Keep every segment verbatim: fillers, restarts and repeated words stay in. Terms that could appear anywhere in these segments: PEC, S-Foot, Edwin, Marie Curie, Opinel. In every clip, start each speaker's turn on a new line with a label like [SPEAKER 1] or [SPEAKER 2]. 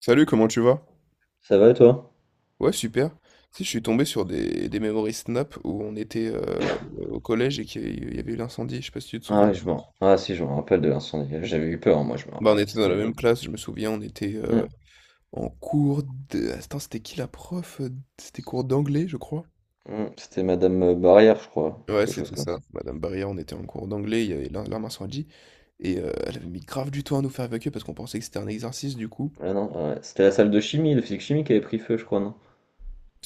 [SPEAKER 1] Salut, comment tu vas?
[SPEAKER 2] Ça va et toi?
[SPEAKER 1] Ouais, super. Tu sais, je suis tombé sur des, des memories Snap où on était euh, au collège et qu'il y a eu- il y avait eu l'incendie, je sais pas si tu te
[SPEAKER 2] Ah
[SPEAKER 1] souviens.
[SPEAKER 2] oui, je m'en... ah si, je me rappelle de l'incendie. J'avais eu peur, moi, je me rappelle.
[SPEAKER 1] Bah, on était dans la
[SPEAKER 2] C'était...
[SPEAKER 1] même classe, je me souviens, on était euh,
[SPEAKER 2] Mm,
[SPEAKER 1] en cours de... Attends, c'était qui la prof? C'était cours d'anglais, je crois.
[SPEAKER 2] mm, C'était Madame euh, Barrière, je crois.
[SPEAKER 1] Ouais,
[SPEAKER 2] Quelque chose
[SPEAKER 1] c'était
[SPEAKER 2] comme
[SPEAKER 1] ça.
[SPEAKER 2] ça.
[SPEAKER 1] Madame Barrière, on était en cours d'anglais, il y avait l'in- l'arme incendie, et euh, elle avait mis grave du temps à nous faire évacuer parce qu'on pensait que c'était un exercice, du coup.
[SPEAKER 2] Ah non, ah ouais. C'était la salle de chimie, de physique chimie qui avait pris feu, je crois, non?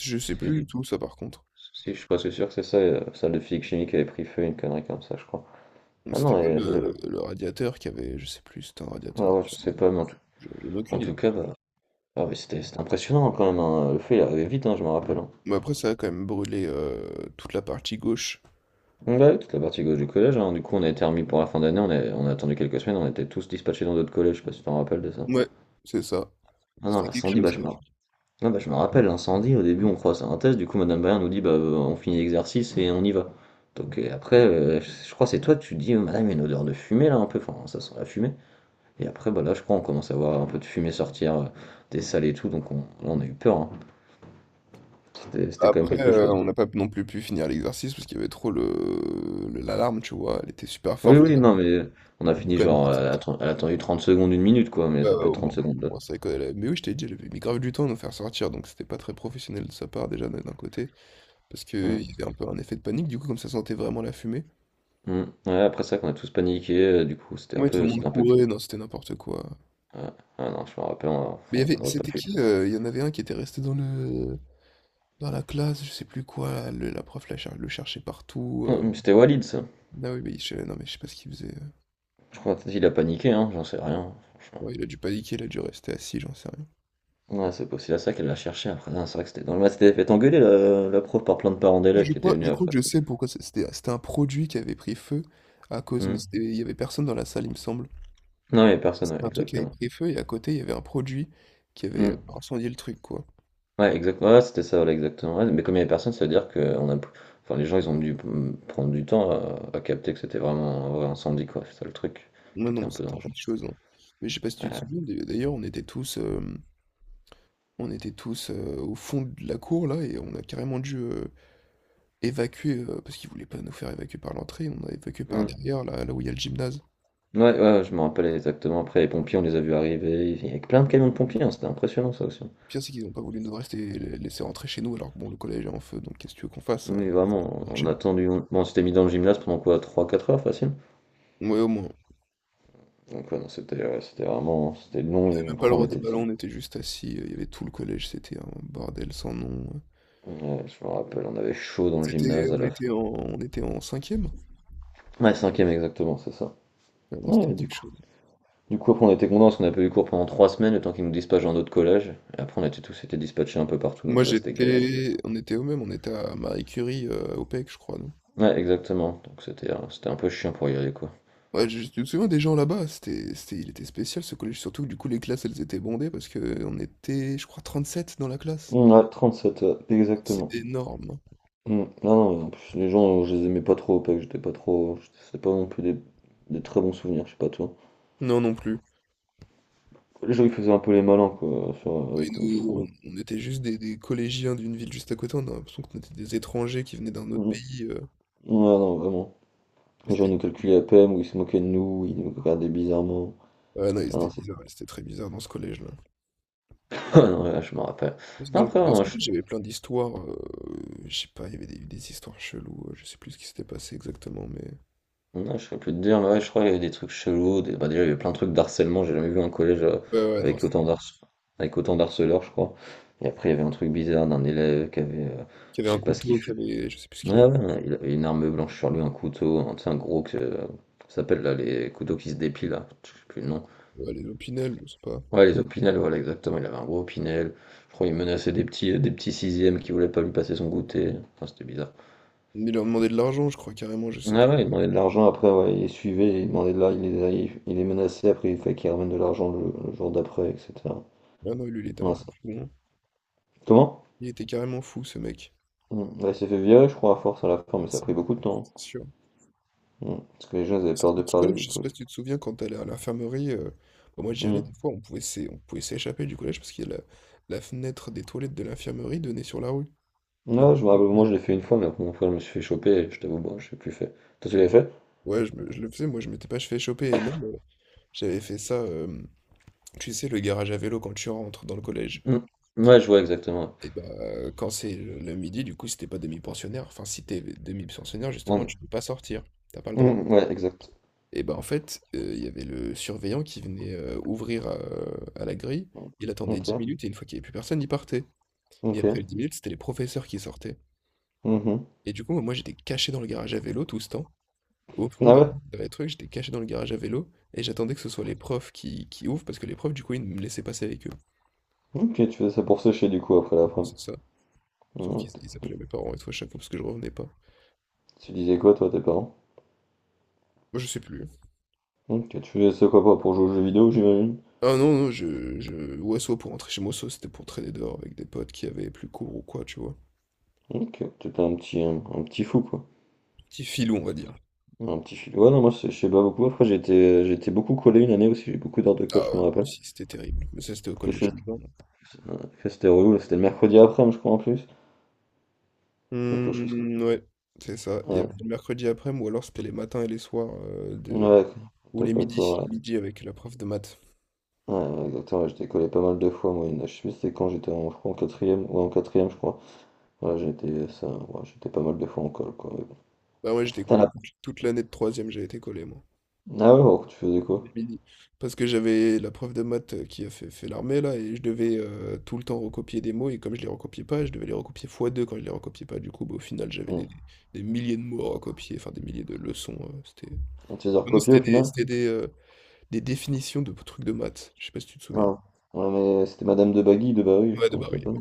[SPEAKER 1] Je sais
[SPEAKER 2] Si je
[SPEAKER 1] plus du
[SPEAKER 2] dis...
[SPEAKER 1] tout, ça, par contre.
[SPEAKER 2] Si, je suis presque sûr que c'est ça, euh, la salle de physique chimie qui avait pris feu, une connerie comme ça, je crois. Ah
[SPEAKER 1] C'était
[SPEAKER 2] non,
[SPEAKER 1] pas
[SPEAKER 2] et le-
[SPEAKER 1] le, le radiateur qui avait... Je sais plus, c'était un radiateur.
[SPEAKER 2] ah ouais, je
[SPEAKER 1] Je
[SPEAKER 2] sais pas, mais en tout,
[SPEAKER 1] je n'ai
[SPEAKER 2] en
[SPEAKER 1] aucune
[SPEAKER 2] tout
[SPEAKER 1] idée.
[SPEAKER 2] cas, bah... Ah, mais c'était c'était impressionnant hein, quand même, hein. Le feu, il arrivait vite, hein, je me rappelle, hein.
[SPEAKER 1] Mais après, ça a quand même brûlé, heu, toute la partie gauche.
[SPEAKER 2] Ouais, ouais, toute la partie gauche du collège, hein. Du coup, on a été remis pour la fin d'année, on a... on a attendu quelques semaines, on était tous dispatchés dans d'autres collèges, je sais pas si tu t'en rappelles de ça.
[SPEAKER 1] Ouais, c'est ça.
[SPEAKER 2] Ah non,
[SPEAKER 1] C'était quelque
[SPEAKER 2] l'incendie, bah,
[SPEAKER 1] chose
[SPEAKER 2] je
[SPEAKER 1] quand
[SPEAKER 2] me...
[SPEAKER 1] même.
[SPEAKER 2] ah, bah, je me rappelle, l'incendie, au début on croit c'est un test, du coup Madame Brien nous dit bah euh, on finit l'exercice et on y va. Donc et après, euh, je je crois que c'est toi, tu dis euh, Madame, il y a une odeur de fumée là un peu, enfin ça sent la fumée. Et après, bah là je crois on commence à voir un peu de fumée sortir euh, des salles et tout, donc on... là on a eu peur, hein. C'était c'était quand même
[SPEAKER 1] Après,
[SPEAKER 2] quelque
[SPEAKER 1] heu,
[SPEAKER 2] chose.
[SPEAKER 1] on n'a pas non plus pu finir l'exercice parce qu'il y avait trop le le l'alarme, tu vois? Elle était super
[SPEAKER 2] Oui,
[SPEAKER 1] forte
[SPEAKER 2] oui,
[SPEAKER 1] l'alarme.
[SPEAKER 2] non mais euh, on a
[SPEAKER 1] On est
[SPEAKER 2] fini
[SPEAKER 1] quand même
[SPEAKER 2] genre, euh,
[SPEAKER 1] fait
[SPEAKER 2] elle a
[SPEAKER 1] sortir.
[SPEAKER 2] atten- elle a attendu trente secondes, une minute quoi, mais
[SPEAKER 1] Bah,
[SPEAKER 2] ça peut être
[SPEAKER 1] au
[SPEAKER 2] trente
[SPEAKER 1] moins au
[SPEAKER 2] secondes là.
[SPEAKER 1] moins c'est quand elle la mais oui, je t'ai dit, elle avait mis grave du temps à nous faire sortir, donc c'était pas très professionnel de sa part déjà d'un d'un côté, parce qu'il
[SPEAKER 2] Hum,
[SPEAKER 1] y avait un peu un effet de panique du coup, comme ça sentait vraiment la fumée.
[SPEAKER 2] hum. Ouais, après ça qu'on a tous paniqué, euh, du coup c'était un
[SPEAKER 1] Ouais, tout le
[SPEAKER 2] peu,
[SPEAKER 1] monde
[SPEAKER 2] c'était un peu...
[SPEAKER 1] courait, non, c'était n'importe quoi.
[SPEAKER 2] Ouais. Ah non, je me rappelle, on
[SPEAKER 1] Mais il y
[SPEAKER 2] on-
[SPEAKER 1] avait
[SPEAKER 2] on n'aurait pas
[SPEAKER 1] c'était
[SPEAKER 2] pu.
[SPEAKER 1] qui, heu, il y en avait un qui était resté dans le dans la classe, je sais plus quoi, le- la prof la cher- le cherchait partout.
[SPEAKER 2] Ouais,
[SPEAKER 1] euh.
[SPEAKER 2] mais c'était Walid ça.
[SPEAKER 1] Ah oui, mais je, non, mais je sais pas ce qu'il faisait. euh.
[SPEAKER 2] Je crois qu'il a paniqué, hein, j'en sais rien, franchement.
[SPEAKER 1] Ouais, il a dû paniquer, il a dû rester assis, j'en sais rien.
[SPEAKER 2] Ouais, c'est possible, à ça qu'elle l'a cherché après. Non, c'est vrai que c'était dans le match, c'était fait engueuler la, la prof par plein de parents
[SPEAKER 1] Mais
[SPEAKER 2] d'élèves
[SPEAKER 1] je
[SPEAKER 2] qui étaient
[SPEAKER 1] crois, je
[SPEAKER 2] venus
[SPEAKER 1] crois que
[SPEAKER 2] après.
[SPEAKER 1] je sais pourquoi c'est- c'était. C'était un produit qui avait pris feu à cause, mais
[SPEAKER 2] Hmm.
[SPEAKER 1] c'était- il y avait personne dans la salle, il me semble.
[SPEAKER 2] Non, il n'y avait personne,
[SPEAKER 1] C'était
[SPEAKER 2] ouais,
[SPEAKER 1] un truc qui avait
[SPEAKER 2] exactement.
[SPEAKER 1] pris feu et à côté, il y avait un produit qui avait euh,
[SPEAKER 2] Hmm.
[SPEAKER 1] incendié le truc, quoi.
[SPEAKER 2] Ouais, exactement, ouais, c'était ça, voilà, exactement. Ouais, mais comme il n'y avait personne, ça veut dire que on a... enfin, les gens ils ont dû mm, prendre du temps à, à capter que c'était vraiment un vrai incendie, quoi. C'est ça le truc
[SPEAKER 1] Non,
[SPEAKER 2] qui
[SPEAKER 1] non,
[SPEAKER 2] était
[SPEAKER 1] mais
[SPEAKER 2] un peu
[SPEAKER 1] c'était
[SPEAKER 2] dangereux.
[SPEAKER 1] quelque chose, hein. Mais je sais pas si tu te
[SPEAKER 2] Ouais,
[SPEAKER 1] souviens, d'ailleurs, d'ailleurs, on était tous, euh, on était tous euh, au fond de la cour, là, et on a carrément dû euh, évacuer, heu, parce qu'ils voulaient pas nous faire évacuer par l'entrée, on a évacué par
[SPEAKER 2] Hmm,
[SPEAKER 1] derrière, là là où il y a le gymnase.
[SPEAKER 2] ouais, ouais, je me rappelle exactement. Après, les pompiers, on les a vus arriver, avec plein de camions de pompiers, hein, c'était impressionnant ça aussi.
[SPEAKER 1] Le pire, c'est qu'ils ont pas voulu nous rester les laisser rentrer chez nous, alors que bon, le collège est en feu, donc qu'est-ce que tu veux qu'on fasse, heu,
[SPEAKER 2] Oui, vraiment,
[SPEAKER 1] rentre chez
[SPEAKER 2] on a
[SPEAKER 1] nous?
[SPEAKER 2] attendu. On- bon, on s'était mis dans le gymnase pendant quoi? Trois quatre heures facile.
[SPEAKER 1] Ouais, au moins. On avait
[SPEAKER 2] Donc, ouais, non, c'était ouais, c'était vraiment c'était long et
[SPEAKER 1] même pas le
[SPEAKER 2] après on
[SPEAKER 1] droit des
[SPEAKER 2] était.
[SPEAKER 1] ballons, on était juste assis, heu, il y avait tout le collège, c'était un bordel sans nom, heu.
[SPEAKER 2] Ouais, je me rappelle, on avait chaud dans le
[SPEAKER 1] C'était
[SPEAKER 2] gymnase à
[SPEAKER 1] on
[SPEAKER 2] la fin.
[SPEAKER 1] était en on était en cinquième.
[SPEAKER 2] Ouais, cinquième exactement, c'est ça.
[SPEAKER 1] Vraiment, c'était
[SPEAKER 2] Ouais, du
[SPEAKER 1] quelque
[SPEAKER 2] coup,
[SPEAKER 1] chose.
[SPEAKER 2] du coup, après, on était contents parce qu'on n'a pas eu cours pendant trois semaines, le temps qu'ils nous dispatchent dans d'autres collèges. Et après, on était tous été dispatchés un peu partout, donc
[SPEAKER 1] Moi,
[SPEAKER 2] ça c'était galère.
[SPEAKER 1] j'étais on était au même? On était à Marie Curie, heu, au P E C, je crois, nous.
[SPEAKER 2] Ouais, exactement. Donc c'était euh, c'était un peu chiant pour y aller, quoi.
[SPEAKER 1] Ouais, je je me souviens des gens là-bas, c'était, c'était, il était spécial ce collège, surtout que du coup les classes elles étaient bondées parce que on était, je crois, trente sept dans la classe.
[SPEAKER 2] Ouais, trente-sept, ouais,
[SPEAKER 1] C'est
[SPEAKER 2] exactement.
[SPEAKER 1] énorme, non?
[SPEAKER 2] Mm. Non, non, en plus, les gens, je les aimais pas trop au P E C, j'étais pas trop. C'était pas non plus des, des très bons souvenirs, je sais pas toi.
[SPEAKER 1] Non, non plus.
[SPEAKER 2] Les gens, ils faisaient un peu les malins, quoi, sur-
[SPEAKER 1] Et
[SPEAKER 2] avec nous, je trouvais.
[SPEAKER 1] nous, on, on était juste des, des collégiens d'une ville juste à côté, on a l'impression qu'on était des étrangers qui venaient d'un autre
[SPEAKER 2] Mm. Ouais,
[SPEAKER 1] pays, euh,
[SPEAKER 2] non, vraiment. Les
[SPEAKER 1] c'était
[SPEAKER 2] gens nous
[SPEAKER 1] de la bulle.
[SPEAKER 2] calculaient à peine, ou ils se moquaient de nous, ils nous regardaient bizarrement.
[SPEAKER 1] Ah non, ils
[SPEAKER 2] Ah non,
[SPEAKER 1] étaient
[SPEAKER 2] c'est.
[SPEAKER 1] bizarres, ils étaient très bizarres dans ce collège-là.
[SPEAKER 2] Ah non, ouais, je me rappelle.
[SPEAKER 1] Parce que Dans,
[SPEAKER 2] Non,
[SPEAKER 1] le-
[SPEAKER 2] après, ouais,
[SPEAKER 1] dans ce
[SPEAKER 2] moi, je...
[SPEAKER 1] collège, j'avais plein d'histoires, euh, je sais pas, il y avait des, des histoires cheloues, euh, je sais plus ce qui s'était passé exactement, mais...
[SPEAKER 2] non, je sais plus te dire, mais ouais, je crois qu'il y avait des trucs chelous. Des... Bah, déjà, il y avait plein de trucs d'harcèlement, j'ai jamais vu un collège euh,
[SPEAKER 1] Ouais, ouais, non,
[SPEAKER 2] avec autant
[SPEAKER 1] c'était...
[SPEAKER 2] d'harce... avec autant d'harceleurs, je crois. Et après, il y avait un truc bizarre d'un élève qui avait. euh,
[SPEAKER 1] Qu'il y
[SPEAKER 2] Je
[SPEAKER 1] avait un
[SPEAKER 2] sais pas ce qu'il
[SPEAKER 1] couteau,
[SPEAKER 2] fait.
[SPEAKER 1] qu'il y avait, je sais plus ce
[SPEAKER 2] Ouais,
[SPEAKER 1] qu'il...
[SPEAKER 2] ouais, ouais, il a une arme blanche sur lui, un couteau, un, tu sais, un gros que euh, ça s'appelle là, les couteaux qui se dépilent, là, je sais plus le nom.
[SPEAKER 1] Ouais, les Opinel, je sais pas.
[SPEAKER 2] Ouais, les opinel voilà, exactement, il avait un gros opinel. Je crois qu'il menaçait des petits, euh, des petits sixièmes qui voulaient pas lui passer son goûter. Enfin, c'était bizarre.
[SPEAKER 1] Mais il leur demandait de l'argent, je crois, carrément, je sais
[SPEAKER 2] Ouais,
[SPEAKER 1] plus.
[SPEAKER 2] ouais, il demandait de l'argent, après, ouais, il les suivait, il demandait de l'argent, il les, il, il les menaçait, après, il fallait qu'il ramène de l'argent le, le jour d'après, et cetera
[SPEAKER 1] Ah non, lui, il était un
[SPEAKER 2] Non.
[SPEAKER 1] peu
[SPEAKER 2] ça-
[SPEAKER 1] fou, hein.
[SPEAKER 2] Comment?
[SPEAKER 1] Il était carrément fou, ce mec.
[SPEAKER 2] Mm, ouais, il s'est fait virer, je crois, à force à la fin, mais
[SPEAKER 1] Mais
[SPEAKER 2] ça a
[SPEAKER 1] c'est
[SPEAKER 2] pris beaucoup de temps,
[SPEAKER 1] c'est sûr.
[SPEAKER 2] hein. Mm, Parce que les gens, ils avaient
[SPEAKER 1] C'était
[SPEAKER 2] peur de
[SPEAKER 1] notre
[SPEAKER 2] parler,
[SPEAKER 1] collège,
[SPEAKER 2] du
[SPEAKER 1] je sais
[SPEAKER 2] coup.
[SPEAKER 1] pas si tu te souviens, quand t'allais à l'infirmerie, euh, bah, moi j'y allais,
[SPEAKER 2] Mm.
[SPEAKER 1] des fois, on pouvait s'é- on pouvait s'échapper du collège parce qu'il y a la... la fenêtre des toilettes de l'infirmerie donnait sur la rue. Et on
[SPEAKER 2] Ouais, je me rappelle, moi je l'ai fait une fois, mais après, après, je me suis fait choper et je t'avoue, bon, je l'ai plus fait. Toi, tu l'avais fait?
[SPEAKER 1] Ouais, je, me- je le faisais, moi je m'étais pas fait choper, et même, euh, j'avais fait ça, euh, tu sais, le garage à vélo quand tu rentres dans le collège.
[SPEAKER 2] Mm. Ouais, je vois exactement.
[SPEAKER 1] Et bah, heu, quand c'est le le midi, du coup, si tu pas demi-pensionnaire, enfin, si t'es demi-pensionnaire, justement,
[SPEAKER 2] Ouais,
[SPEAKER 1] tu peux pas sortir, t'as pas le droit.
[SPEAKER 2] Mm, mm, ouais, exact.
[SPEAKER 1] Et bah, en fait, heu, il y avait le surveillant qui venait, heu, ouvrir, heu, à la grille.
[SPEAKER 2] Mm.
[SPEAKER 1] Il attendait dix
[SPEAKER 2] Ok,
[SPEAKER 1] minutes et une fois qu'il y avait plus personne, il partait. Et
[SPEAKER 2] ok.
[SPEAKER 1] après les dix minutes, c'était les professeurs qui sortaient.
[SPEAKER 2] Mhm.
[SPEAKER 1] Et du coup, bah, moi, j'étais caché dans le garage à vélo tout ce temps, au
[SPEAKER 2] Ah
[SPEAKER 1] fond derrière
[SPEAKER 2] ouais?
[SPEAKER 1] derrière les trucs, j'étais caché dans le garage à vélo et j'attendais que ce soit les profs qui qui ouvrent parce que les profs, du coup, ils me laissaient passer avec eux.
[SPEAKER 2] Ok, tu faisais ça pour sécher du coup après l'après.
[SPEAKER 1] C'est ça, sauf
[SPEAKER 2] Mm.
[SPEAKER 1] qu'ils
[SPEAKER 2] t-
[SPEAKER 1] ils appelaient mes parents et tout à chaque fois parce que je revenais pas.
[SPEAKER 2] Tu disais quoi toi, à tes parents?
[SPEAKER 1] Moi, je sais plus, hein.
[SPEAKER 2] Ok, tu faisais ça quoi, pour pour jouer aux jeux vidéo, j'imagine?
[SPEAKER 1] Ah non, non, je, je... Ouais, soit pour rentrer chez moi, soit c'était pour traîner dehors avec des potes qui avaient plus cours ou quoi, tu vois.
[SPEAKER 2] Ok, t'étais un petit, un, un petit fou quoi.
[SPEAKER 1] Petit filou, on va dire.
[SPEAKER 2] Un petit fou. Ouais, non, moi c'est- je sais pas beaucoup. Après, j'étais j'étais beaucoup collé une année aussi, j'ai eu beaucoup d'heures de
[SPEAKER 1] Ah
[SPEAKER 2] colle, je me
[SPEAKER 1] ouais,
[SPEAKER 2] rappelle.
[SPEAKER 1] si, c'était terrible. Mais ça, c'était au
[SPEAKER 2] Qu'est-ce
[SPEAKER 1] collège
[SPEAKER 2] que
[SPEAKER 1] dedans.
[SPEAKER 2] que c'était relou, là, c'était le mercredi après, je crois en plus. Quelque chose.
[SPEAKER 1] Mmh, ouais, c'est ça. Il y
[SPEAKER 2] Ouais,
[SPEAKER 1] avait le mercredi après-midi, ou alors c'était les matins et les soirs, euh, de...
[SPEAKER 2] ouais,
[SPEAKER 1] ou
[SPEAKER 2] t'as
[SPEAKER 1] les
[SPEAKER 2] pas
[SPEAKER 1] midis,
[SPEAKER 2] couru,
[SPEAKER 1] les
[SPEAKER 2] ouais.
[SPEAKER 1] midis avec la prof de maths.
[SPEAKER 2] Ouais, ouais, exactement, ouais, je décollais pas mal de fois, moi, une- je sais plus c'était quand j'étais en, je crois, en quatrième, ou en quatrième, je crois. Voilà, j'étais, ça, ouais, j'étais pas mal de fois en colle, quoi, mais bon.
[SPEAKER 1] Bah ouais, j'étais
[SPEAKER 2] T'en
[SPEAKER 1] collé.
[SPEAKER 2] as-
[SPEAKER 1] Toute toute l'année de troisième, j'ai été collé, moi.
[SPEAKER 2] Ah ouais, bon, tu faisais quoi?
[SPEAKER 1] Les midis. Parce que j'avais la prof de maths euh, qui a fait, fait l'armée là et je devais euh, tout le temps recopier des mots et comme je les recopiais pas, je devais les recopier fois deux quand je les recopiais pas. Du coup, bah, au final, j'avais
[SPEAKER 2] On
[SPEAKER 1] des, des milliers de mots à recopier, enfin des milliers de leçons, euh, c'était...
[SPEAKER 2] on te faisait
[SPEAKER 1] Ah non,
[SPEAKER 2] recopier, au
[SPEAKER 1] c'était des,
[SPEAKER 2] final?
[SPEAKER 1] c'était des, euh, des définitions de trucs de maths. Je sais pas si tu te souviens.
[SPEAKER 2] Non. Ouais, mais c'était Madame de Bagui, de Barry, je sais plus
[SPEAKER 1] Ouais, de
[SPEAKER 2] comment elle
[SPEAKER 1] Barry, ouais.
[SPEAKER 2] s'appelle.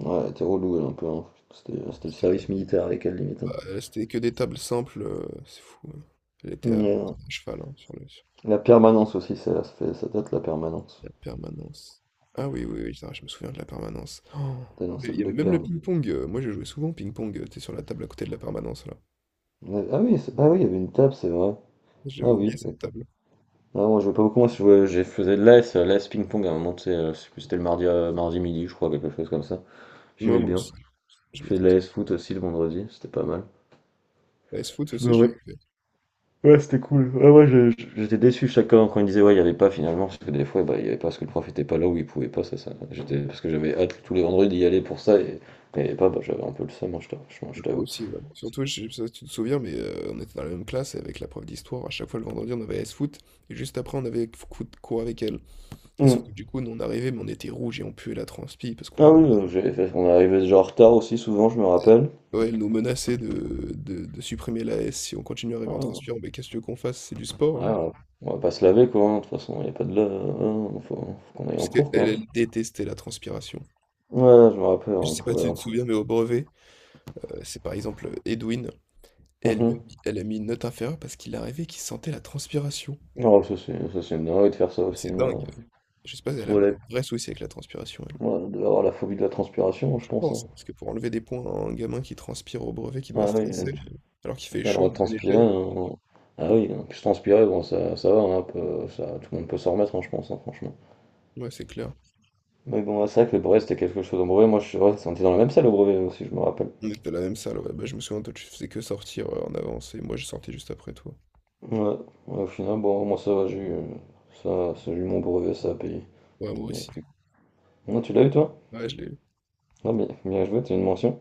[SPEAKER 2] Ouais, elle était relou, elle, un peu, hein. C'était,
[SPEAKER 1] Non,
[SPEAKER 2] c'était le
[SPEAKER 1] c'était
[SPEAKER 2] service
[SPEAKER 1] terrible.
[SPEAKER 2] militaire avec elle, limite, hein.
[SPEAKER 1] Bah, euh, c'était que des tables simples, euh, c'est fou, hein. Elle était à,
[SPEAKER 2] Hmm, Ouais, ouais.
[SPEAKER 1] à cheval hein, sur le...
[SPEAKER 2] La permanence aussi, ça, ça fait, ça date, la permanence.
[SPEAKER 1] La permanence. Ah oui, oui, oui, ça, je me souviens de la permanence. Oh,
[SPEAKER 2] T'es dans
[SPEAKER 1] mais il y
[SPEAKER 2] celle de
[SPEAKER 1] avait même le
[SPEAKER 2] perme.
[SPEAKER 1] ping-pong, euh, moi, je jouais souvent au ping-pong. euh, T'es sur la table à côté de la permanence, là.
[SPEAKER 2] Ouais, Ah oui, c'est- ah oui, il y avait une table, c'est vrai.
[SPEAKER 1] J'avais
[SPEAKER 2] Ah
[SPEAKER 1] oublié
[SPEAKER 2] oui,
[SPEAKER 1] cette table.
[SPEAKER 2] Ouais, moi je vois pas beaucoup, moi si je vois- j'ai faisais de l'A S, euh, l'A S ping-pong à un moment, tu sais, euh, je sais plus, c'était le mardi, euh, mardi midi, je crois, quelque chose comme ça.
[SPEAKER 1] Moi,
[SPEAKER 2] J'aimais
[SPEAKER 1] moi
[SPEAKER 2] bien.
[SPEAKER 1] aussi. Je
[SPEAKER 2] Je fais
[SPEAKER 1] m'étais
[SPEAKER 2] de
[SPEAKER 1] inscrit.
[SPEAKER 2] l'A S foot aussi le vendredi, c'était pas mal.
[SPEAKER 1] La S-Foot
[SPEAKER 2] Je
[SPEAKER 1] aussi,
[SPEAKER 2] me
[SPEAKER 1] je l'ai
[SPEAKER 2] ré-
[SPEAKER 1] fait.
[SPEAKER 2] Ouais, c'était cool. Ouais, ouais, je- je- j'étais déçu chacun quand il disait ouais, il y avait pas finalement, parce que des fois, bah, il y avait pas parce que le prof était pas là ou il pouvait pas, ça, ça. J'étais, parce que j'avais hâte tous les vendredis d'y aller pour ça, et quand il y avait pas, bah, j'avais un peu le seum, hein, je t'avoue. Je-
[SPEAKER 1] Bah,
[SPEAKER 2] je
[SPEAKER 1] moi
[SPEAKER 2] t'avoue.
[SPEAKER 1] aussi, ouais. Surtout, je sais pas si tu te souviens, mais euh, on était dans la même classe et avec la prof d'histoire. À chaque fois, le vendredi, on avait S-Foot. Et juste après, on avait foot- cours avec elle. Et sauf
[SPEAKER 2] Hum.
[SPEAKER 1] que du coup, nous, on arrivait, mais on était rouge et on puait la transpi parce
[SPEAKER 2] Ah
[SPEAKER 1] qu'on...
[SPEAKER 2] oui, euh, j'avais fait, on arrivait déjà en retard aussi, souvent, je me rappelle.
[SPEAKER 1] Ouais, elle nous menaçait de, de, de supprimer la S si on continue à arriver en
[SPEAKER 2] Ah.
[SPEAKER 1] transpirant. Mais qu'est-ce que tu veux qu'on fasse? C'est du
[SPEAKER 2] Ouais,
[SPEAKER 1] sport, hein.
[SPEAKER 2] on on va pas se laver quoi, hein, de toute façon, il n'y a pas de lave, hein, faut, faut qu'on aille en
[SPEAKER 1] Parce qu'elle,
[SPEAKER 2] cours quoi.
[SPEAKER 1] elle détestait la transpiration.
[SPEAKER 2] Ouais, je me rappelle,
[SPEAKER 1] Je
[SPEAKER 2] on
[SPEAKER 1] sais pas
[SPEAKER 2] pouvait
[SPEAKER 1] si
[SPEAKER 2] aller
[SPEAKER 1] tu
[SPEAKER 2] en
[SPEAKER 1] te
[SPEAKER 2] cours.
[SPEAKER 1] souviens, mais au brevet, euh, c'est par exemple Edwin, et elle lui a
[SPEAKER 2] Mhm.
[SPEAKER 1] mis, elle a mis une note inférieure parce qu'il arrivait qu'il sentait la transpiration.
[SPEAKER 2] Oh, ça c'est ça, c'est une dinguerie de faire ça aussi,
[SPEAKER 1] C'est
[SPEAKER 2] hein.
[SPEAKER 1] dingue. Je sais pas si elle
[SPEAKER 2] Se
[SPEAKER 1] avait
[SPEAKER 2] relève,
[SPEAKER 1] un vrai souci avec la transpiration, elle.
[SPEAKER 2] ouais, de avoir la phobie de la transpiration, je
[SPEAKER 1] Je
[SPEAKER 2] pense, hein.
[SPEAKER 1] pense, hein, parce que pour enlever des points à un gamin qui transpire au brevet, qui doit
[SPEAKER 2] Ah oui,
[SPEAKER 1] stresser,
[SPEAKER 2] tu
[SPEAKER 1] euh, alors qu'il fait
[SPEAKER 2] as le
[SPEAKER 1] chaud
[SPEAKER 2] droit de
[SPEAKER 1] en plein
[SPEAKER 2] transpirer,
[SPEAKER 1] été.
[SPEAKER 2] hein. Ah oui, en plus transpirer, bon, ça, ça va, hein, un peu, ça, tout le monde peut s'en remettre, hein, je pense, hein, franchement.
[SPEAKER 1] Ouais, c'est clair.
[SPEAKER 2] Mais bon, ouais, c'est vrai que le brevet c'était quelque chose. Au brevet, moi, je, ouais, on était dans la même salle au brevet aussi, je me rappelle.
[SPEAKER 1] On était à la même salle, ouais. Bah, je me souviens, toi, tu faisais que sortir euh, en avance, et moi, je sortais juste après toi.
[SPEAKER 2] Ouais, ouais, au final, bon, moi ça va, j'ai eu, euh, ça, ça, j'ai eu mon brevet, ça a payé.
[SPEAKER 1] Ouais, moi
[SPEAKER 2] Donc.
[SPEAKER 1] aussi.
[SPEAKER 2] Non, tu l'as eu toi?
[SPEAKER 1] Ouais, je l'ai.
[SPEAKER 2] Non, mais bien joué, t'as une mention.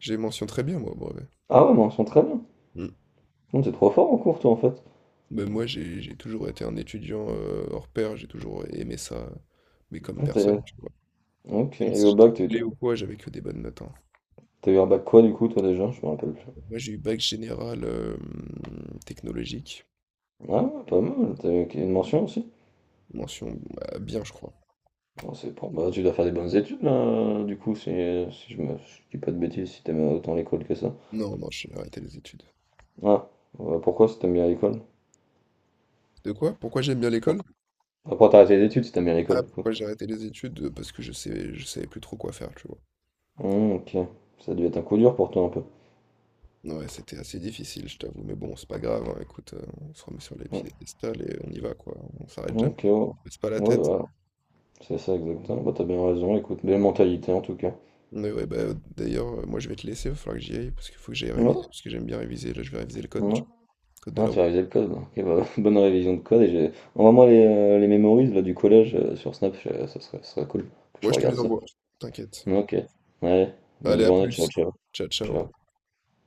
[SPEAKER 1] J'ai mention très bien, moi, au brevet.
[SPEAKER 2] Ah ouais, mention très bien.
[SPEAKER 1] Mm.
[SPEAKER 2] Non, t'es trop fort en cours, toi, en fait.
[SPEAKER 1] Ben moi, j'ai j'ai toujours été un étudiant, heu, hors pair, j'ai toujours aimé ça, euh, mais comme
[SPEAKER 2] Ah, t'es-
[SPEAKER 1] personne, tu vois?
[SPEAKER 2] Ok,
[SPEAKER 1] Même
[SPEAKER 2] et
[SPEAKER 1] si
[SPEAKER 2] au
[SPEAKER 1] j'étais
[SPEAKER 2] bac, t'as eu...
[SPEAKER 1] coulé ou quoi, j'avais que des bonnes notes, hein.
[SPEAKER 2] t'as eu un bac quoi, du coup, toi, déjà? Je me rappelle plus.
[SPEAKER 1] Moi, j'ai eu bac général, hem, technologique,
[SPEAKER 2] Ah, ouais, pas mal, t'as eu une mention aussi.
[SPEAKER 1] mention, bah, bien, je crois.
[SPEAKER 2] Bon, c'est bon, bah, tu dois faire des bonnes études, là, du coup, si, si je me si je dis pas de bêtises, si t'aimes autant l'école que ça.
[SPEAKER 1] Non, non, j'ai arrêté les études.
[SPEAKER 2] Ah, ouais, pourquoi si t'aimes bien l'école?
[SPEAKER 1] De quoi? Pourquoi j'aime bien
[SPEAKER 2] Pourquoi
[SPEAKER 1] l'école?
[SPEAKER 2] Pourquoi t'as arrêté les études si t'aimes bien
[SPEAKER 1] Ah,
[SPEAKER 2] l'école, du coup?
[SPEAKER 1] pourquoi j'ai arrêté les études? Heu, parce que je sais je savais plus trop quoi faire, tu vois?
[SPEAKER 2] Hum, ok, ça a dû être un coup dur pour toi, un peu.
[SPEAKER 1] Ouais, c'était assez difficile, je t'avoue, mais bon, c'est pas grave, hein, écoute, heu, on se remet sur les
[SPEAKER 2] Hum,
[SPEAKER 1] piédestals et on y va, quoi, on s'arrête jamais.
[SPEAKER 2] Ok, ouais,
[SPEAKER 1] Baisse pas la
[SPEAKER 2] Ouais,
[SPEAKER 1] tête.
[SPEAKER 2] voilà, c'est ça, exactement. Bah, t'as bien raison, écoute, belle mentalité, en tout cas.
[SPEAKER 1] Mais ouais, bah, d'ailleurs, euh, moi je vais te laisser, il va falloir que j'y aille parce qu'il faut que j'aille
[SPEAKER 2] Non,
[SPEAKER 1] réviser, parce que j'aime bien réviser. Là, je vais réviser le code, du-
[SPEAKER 2] non.
[SPEAKER 1] code de
[SPEAKER 2] Ah,
[SPEAKER 1] la
[SPEAKER 2] tu
[SPEAKER 1] route.
[SPEAKER 2] as révisé le code. Bon. Ok, bah, bonne révision de code. Et j'ai... envoie-moi les, euh, les memories là, du collège euh, sur Snap, je- ça serait, ça serait cool que je
[SPEAKER 1] Moi, je te
[SPEAKER 2] regarde
[SPEAKER 1] les
[SPEAKER 2] ça.
[SPEAKER 1] envoie, t'inquiète.
[SPEAKER 2] Ok, allez, bonne
[SPEAKER 1] Allez, à
[SPEAKER 2] journée, ciao,
[SPEAKER 1] plus.
[SPEAKER 2] ciao.
[SPEAKER 1] Ciao, ciao.
[SPEAKER 2] Ciao.